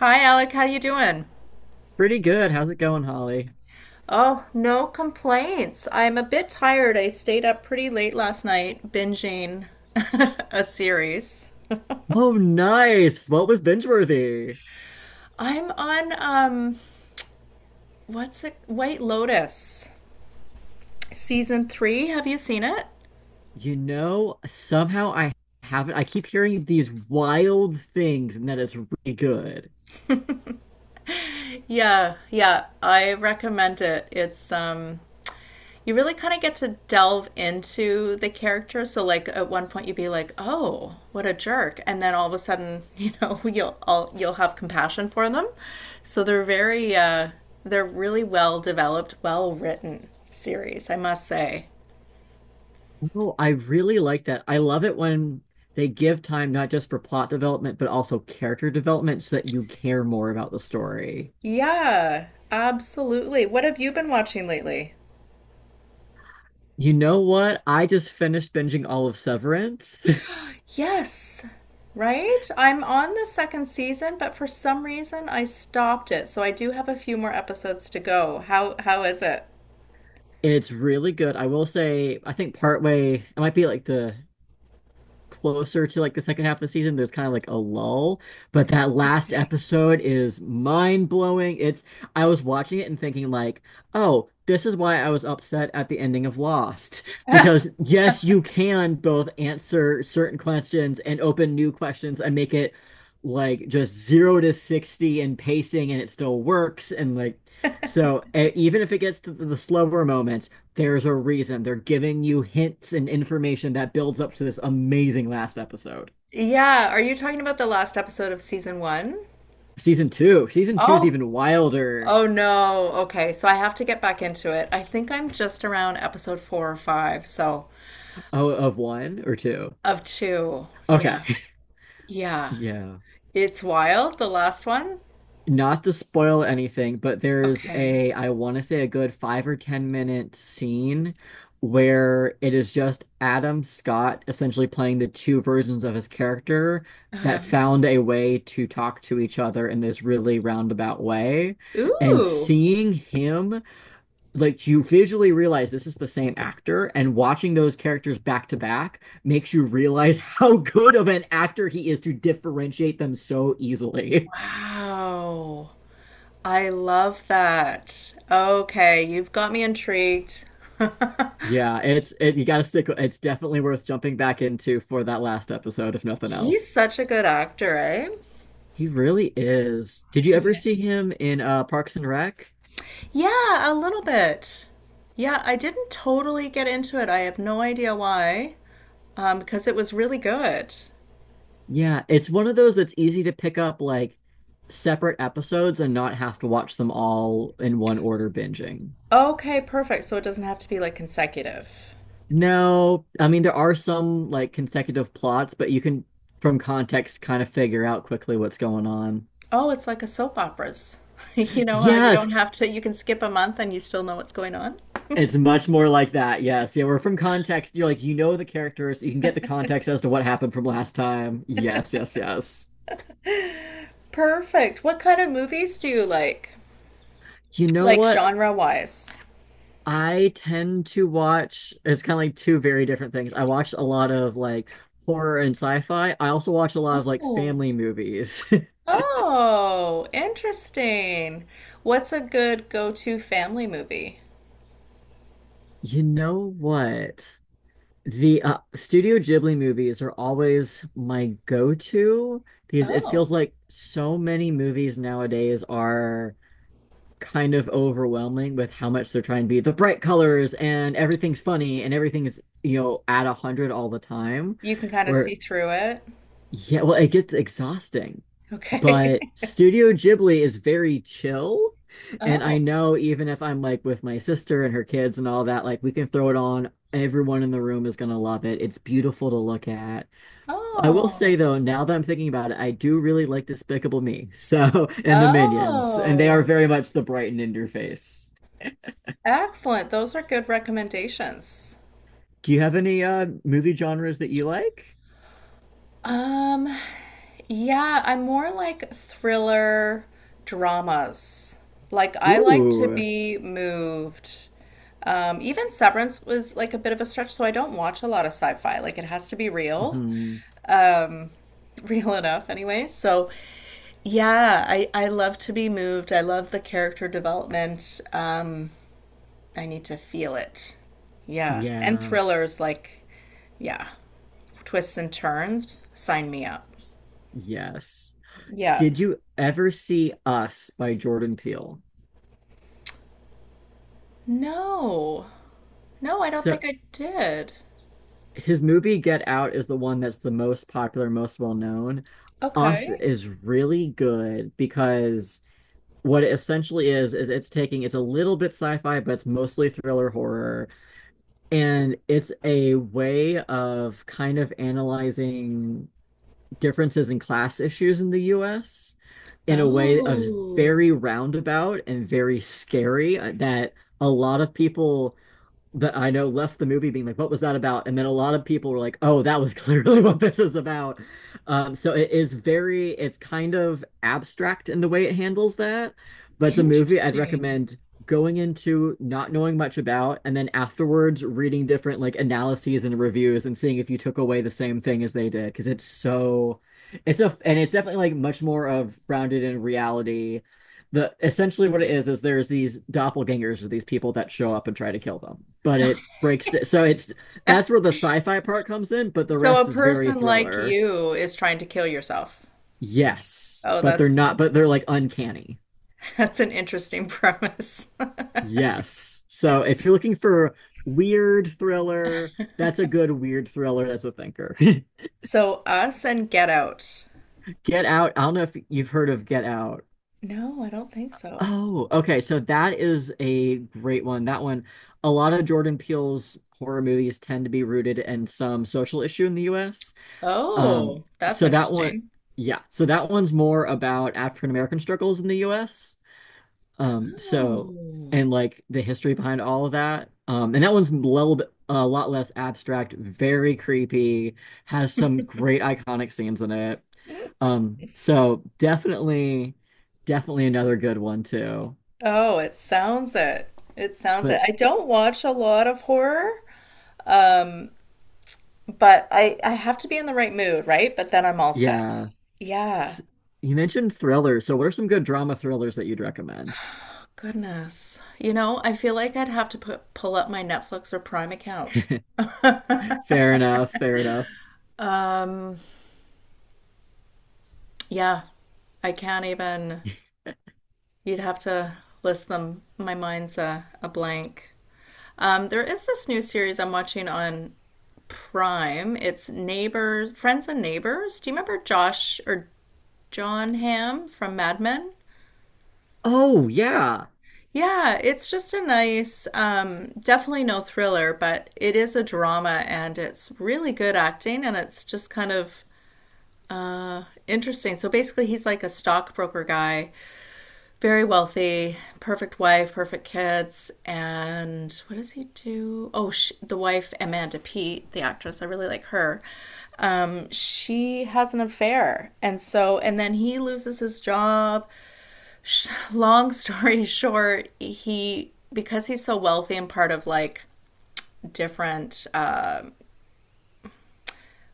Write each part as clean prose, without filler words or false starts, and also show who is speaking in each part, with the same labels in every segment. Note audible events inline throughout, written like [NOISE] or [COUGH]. Speaker 1: Hi, Alec. How you doing?
Speaker 2: Pretty good. How's it going, Holly?
Speaker 1: Oh, no complaints. I'm a bit tired. I stayed up pretty late last night binging [LAUGHS] a series.
Speaker 2: Oh, nice. What was binge worthy?
Speaker 1: I'm on what's it? White Lotus. Season 3. Have you seen it?
Speaker 2: You know, somehow I haven't. I keep hearing these wild things and that it's really good.
Speaker 1: Yeah. I recommend it. It's you really kind of get to delve into the character. So, like at one point, you'd be like, "Oh, what a jerk," and then all of a sudden, [LAUGHS] you'll have compassion for them. So they're really well developed, well written series, I must say.
Speaker 2: Oh, I really like that. I love it when they give time not just for plot development, but also character development so that you care more about the story.
Speaker 1: Yeah, absolutely. What have you been watching lately?
Speaker 2: You know what? I just finished binging all of Severance. [LAUGHS]
Speaker 1: Yes, right. I'm on the second season, but for some reason, I stopped it. So I do have a few more episodes to go. How is it?
Speaker 2: It's really good. I will say, I think partway, it might be like the closer to like the second half of the season, there's kind of like a lull. But that last episode is mind blowing. It's I was watching it and thinking like, oh, this is why I was upset at the ending of Lost. [LAUGHS] Because yes, you can both answer certain questions and open new questions and make it like just zero to 60 in pacing and it still works and like so even if it gets to the slower moments there's a reason. They're giving you hints and information that builds up to this amazing last episode.
Speaker 1: Yeah, are you talking about the last episode of season one?
Speaker 2: Season two. Season two is
Speaker 1: Oh.
Speaker 2: even wilder.
Speaker 1: Oh no. Okay, so I have to get back into it. I think I'm just around episode four or five, so
Speaker 2: Oh, of one or two.
Speaker 1: of two.
Speaker 2: Okay.
Speaker 1: Yeah.
Speaker 2: [LAUGHS]
Speaker 1: Yeah.
Speaker 2: Yeah.
Speaker 1: It's wild, the last one.
Speaker 2: Not to spoil anything, but there's
Speaker 1: Okay.
Speaker 2: a, I want to say a good five or 10-minute scene where it is just Adam Scott essentially playing the two versions of his character
Speaker 1: Uh,
Speaker 2: that found a way to talk to each other in this really roundabout way. And
Speaker 1: ooh.
Speaker 2: seeing him, like you visually realize this is the same actor, and watching those characters back to back makes you realize [LAUGHS] how good of an actor he is to differentiate them so easily.
Speaker 1: Wow. I love that. Okay, you've got me intrigued. [LAUGHS]
Speaker 2: Yeah, it's it, you gotta stick. It's definitely worth jumping back into for that last episode, if nothing
Speaker 1: He's
Speaker 2: else.
Speaker 1: such a good actor, eh?
Speaker 2: He really is. Did you ever
Speaker 1: Yeah.
Speaker 2: see him in Parks and Rec?
Speaker 1: Yeah, a little bit. Yeah, I didn't totally get into it. I have no idea why, because it was really good.
Speaker 2: Yeah, it's one of those that's easy to pick up like separate episodes and not have to watch them all in one order binging.
Speaker 1: Okay, perfect. So it doesn't have to be like consecutive.
Speaker 2: No, I mean there are some like consecutive plots, but you can from context kind of figure out quickly what's going on.
Speaker 1: Oh, it's like a soap opera's. [LAUGHS] You know how you
Speaker 2: Yes,
Speaker 1: don't have to, you can skip a month and you still know what's going on?
Speaker 2: it's much more like that. Yes, yeah, we're from context. You're like you know the characters, you can get the context as to what happened from last time. Yes, yes, yes.
Speaker 1: Perfect. What kind of movies do you like?
Speaker 2: You know
Speaker 1: Like
Speaker 2: what?
Speaker 1: genre wise?
Speaker 2: I tend to watch it's kind of like two very different things. I watch a lot of like horror and sci-fi. I also watch a lot of like
Speaker 1: Oh.
Speaker 2: family movies. [LAUGHS]
Speaker 1: Oh, interesting. What's a good go-to family movie?
Speaker 2: You know what? The Studio Ghibli movies are always my go-to because it
Speaker 1: Oh,
Speaker 2: feels like so many movies nowadays are kind of overwhelming with how much they're trying to be the bright colors and everything's funny and everything's at a hundred all the time.
Speaker 1: you can kind of
Speaker 2: Where
Speaker 1: see through it.
Speaker 2: yeah, well, it gets exhausting.
Speaker 1: Okay.
Speaker 2: But
Speaker 1: [LAUGHS]
Speaker 2: Studio Ghibli is very chill. And I
Speaker 1: Oh.
Speaker 2: know even if I'm like with my sister and her kids and all that, like we can throw it on. Everyone in the room is gonna love it. It's beautiful to look at. I will say
Speaker 1: Oh.
Speaker 2: though, now that I'm thinking about it, I do really like Despicable Me. So, [LAUGHS] and the Minions, and they are
Speaker 1: Oh.
Speaker 2: very much the Brighton in your face.
Speaker 1: Excellent. Those are good recommendations.
Speaker 2: Do you have any movie genres that you like?
Speaker 1: Um, yeah, I'm more like thriller dramas. Like I like to
Speaker 2: Ooh.
Speaker 1: be moved. Even Severance was like a bit of a stretch, so I don't watch a lot of sci-fi. Like it has to be real.
Speaker 2: Mhm.
Speaker 1: Um, [LAUGHS] real enough anyway. So yeah, I love to be moved. I love the character development. I need to feel it. Yeah. And
Speaker 2: Yeah.
Speaker 1: thrillers like, yeah, twists and turns, sign me up.
Speaker 2: Yes.
Speaker 1: Yeah.
Speaker 2: Did you ever see Us by Jordan Peele?
Speaker 1: No. No, I don't
Speaker 2: So
Speaker 1: think I did.
Speaker 2: his movie Get Out is the one that's the most popular, most well known. Us
Speaker 1: Okay.
Speaker 2: is really good because what it essentially is it's taking it's a little bit sci-fi, but it's mostly thriller horror, and it's a way of kind of analyzing differences in class issues in the US in a way of
Speaker 1: Oh,
Speaker 2: very roundabout and very scary that a lot of people that I know left the movie being like, what was that about? And then a lot of people were like, oh, that was [LAUGHS] clearly what this is about. So it is very, it's kind of abstract in the way it handles that, but it's a movie I'd
Speaker 1: interesting.
Speaker 2: recommend going into not knowing much about and then afterwards reading different like analyses and reviews and seeing if you took away the same thing as they did because it's so it's a and it's definitely like much more of grounded in reality the essentially what it is there's these doppelgangers or these people that show up and try to kill them but it breaks so it's that's where the sci-fi part comes in but the
Speaker 1: So a
Speaker 2: rest is very
Speaker 1: person like
Speaker 2: thriller.
Speaker 1: you is trying to kill yourself.
Speaker 2: Yes,
Speaker 1: Oh,
Speaker 2: but they're not, but
Speaker 1: that's
Speaker 2: they're like uncanny.
Speaker 1: [LAUGHS] that's an interesting premise. [LAUGHS]
Speaker 2: Yes, so if you're looking for weird thriller, that's a good weird thriller, that's a thinker. [LAUGHS]
Speaker 1: So us and Get Out.
Speaker 2: Get out, I don't know if you've heard of Get Out.
Speaker 1: No, I don't think so.
Speaker 2: Oh, okay. So that is a great one. That one, a lot of Jordan Peele's horror movies tend to be rooted in some social issue in the US. Um,
Speaker 1: Oh, that's
Speaker 2: so that one,
Speaker 1: interesting.
Speaker 2: yeah. So that one's more about African American struggles in the US. So
Speaker 1: Oh.
Speaker 2: and like the history behind all of that. And that one's a little bit, a lot less abstract, very creepy, has some great iconic scenes in it.
Speaker 1: Hmm.
Speaker 2: So definitely, definitely another good one too.
Speaker 1: Oh, it sounds it. It sounds it.
Speaker 2: But
Speaker 1: I don't watch a lot of horror, um, but I have to be in the right mood, right? But then I'm all
Speaker 2: yeah,
Speaker 1: set. Yeah.
Speaker 2: S- you mentioned thrillers. So what are some good drama thrillers that you'd recommend?
Speaker 1: Oh, goodness. You know, I feel like I'd have to put pull up my Netflix or Prime account.
Speaker 2: [LAUGHS]
Speaker 1: [LAUGHS]
Speaker 2: Fair enough, fair enough.
Speaker 1: Um, yeah, I can't even. You'd have to list them. My mind's a blank. There is this new series I'm watching on Prime. It's Neighbors, Friends and Neighbors. Do you remember Josh or John Hamm from Mad Men?
Speaker 2: Oh yeah.
Speaker 1: Yeah, it's just a nice, definitely no thriller, but it is a drama and it's really good acting and it's just kind of interesting. So basically, he's like a stockbroker guy, very wealthy, perfect wife, perfect kids, and what does he do? Oh, the wife Amanda Peet, the actress, I really like her. She has an affair, and so and then he loses his job. [LAUGHS] Long story short, he, because he's so wealthy and part of like different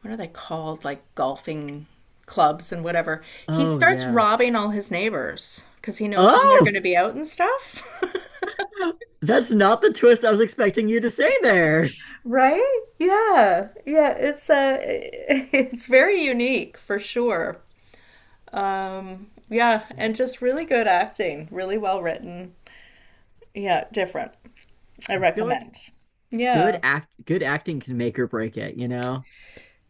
Speaker 1: what are they called like golfing clubs and whatever, he
Speaker 2: Oh
Speaker 1: starts
Speaker 2: yeah.
Speaker 1: robbing all his neighbors because he knows when they're going
Speaker 2: Oh,
Speaker 1: to be out and stuff. [LAUGHS]
Speaker 2: [LAUGHS] that's not the twist I was expecting you to say there.
Speaker 1: Right? Yeah. Yeah, it's [LAUGHS] it's very unique for sure. Yeah,
Speaker 2: Yeah.
Speaker 1: and just really good acting, really well written. Yeah, different. I
Speaker 2: I feel like
Speaker 1: recommend. Yeah,
Speaker 2: good acting can make or break it, you know?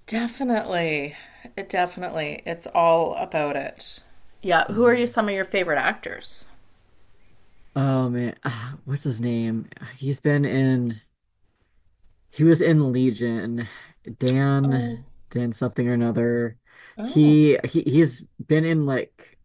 Speaker 1: definitely. It definitely. It's all about it. Yeah, who are you,
Speaker 2: Mhm.
Speaker 1: some of your favorite actors?
Speaker 2: Oh man. Ah, what's his name? He's been in He was in Legion,
Speaker 1: Oh,
Speaker 2: Dan something or another.
Speaker 1: oh,
Speaker 2: He's been in like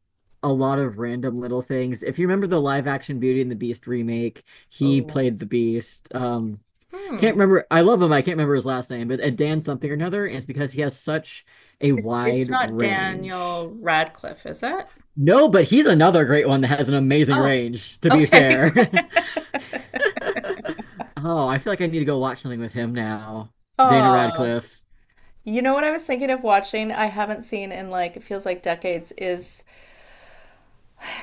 Speaker 2: a lot of random little things. If you remember the live action Beauty and the Beast remake, he
Speaker 1: oh.
Speaker 2: played the Beast.
Speaker 1: Hmm.
Speaker 2: Can't remember. I love him. I can't remember his last name, but Dan something or another. And it's because he has such a
Speaker 1: It's
Speaker 2: wide
Speaker 1: not
Speaker 2: range.
Speaker 1: Daniel Radcliffe, is it?
Speaker 2: No, but he's another great one that has an amazing
Speaker 1: Oh,
Speaker 2: range, to be
Speaker 1: okay.
Speaker 2: fair.
Speaker 1: [LAUGHS]
Speaker 2: [LAUGHS] Oh, I feel like I need to go watch something with him now. Daniel
Speaker 1: Oh.
Speaker 2: Radcliffe.
Speaker 1: You know what I was thinking of watching I haven't seen in like it feels like decades is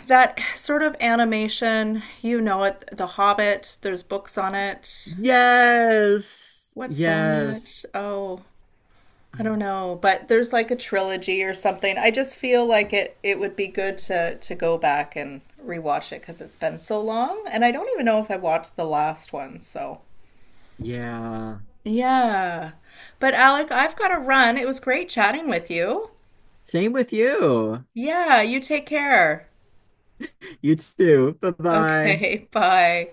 Speaker 1: that sort of animation, you know it, The Hobbit, there's books on it.
Speaker 2: Yes.
Speaker 1: What's that?
Speaker 2: Yes.
Speaker 1: Oh, I don't know, but there's like a trilogy or something. I just feel like it would be good to go back and rewatch it because it's been so long, and I don't even know if I watched the last one, so
Speaker 2: Yeah.
Speaker 1: yeah. But Alec, I've got to run. It was great chatting with you.
Speaker 2: Same with you.
Speaker 1: Yeah, you take care.
Speaker 2: You too. Bye-bye.
Speaker 1: Okay, [LAUGHS] bye.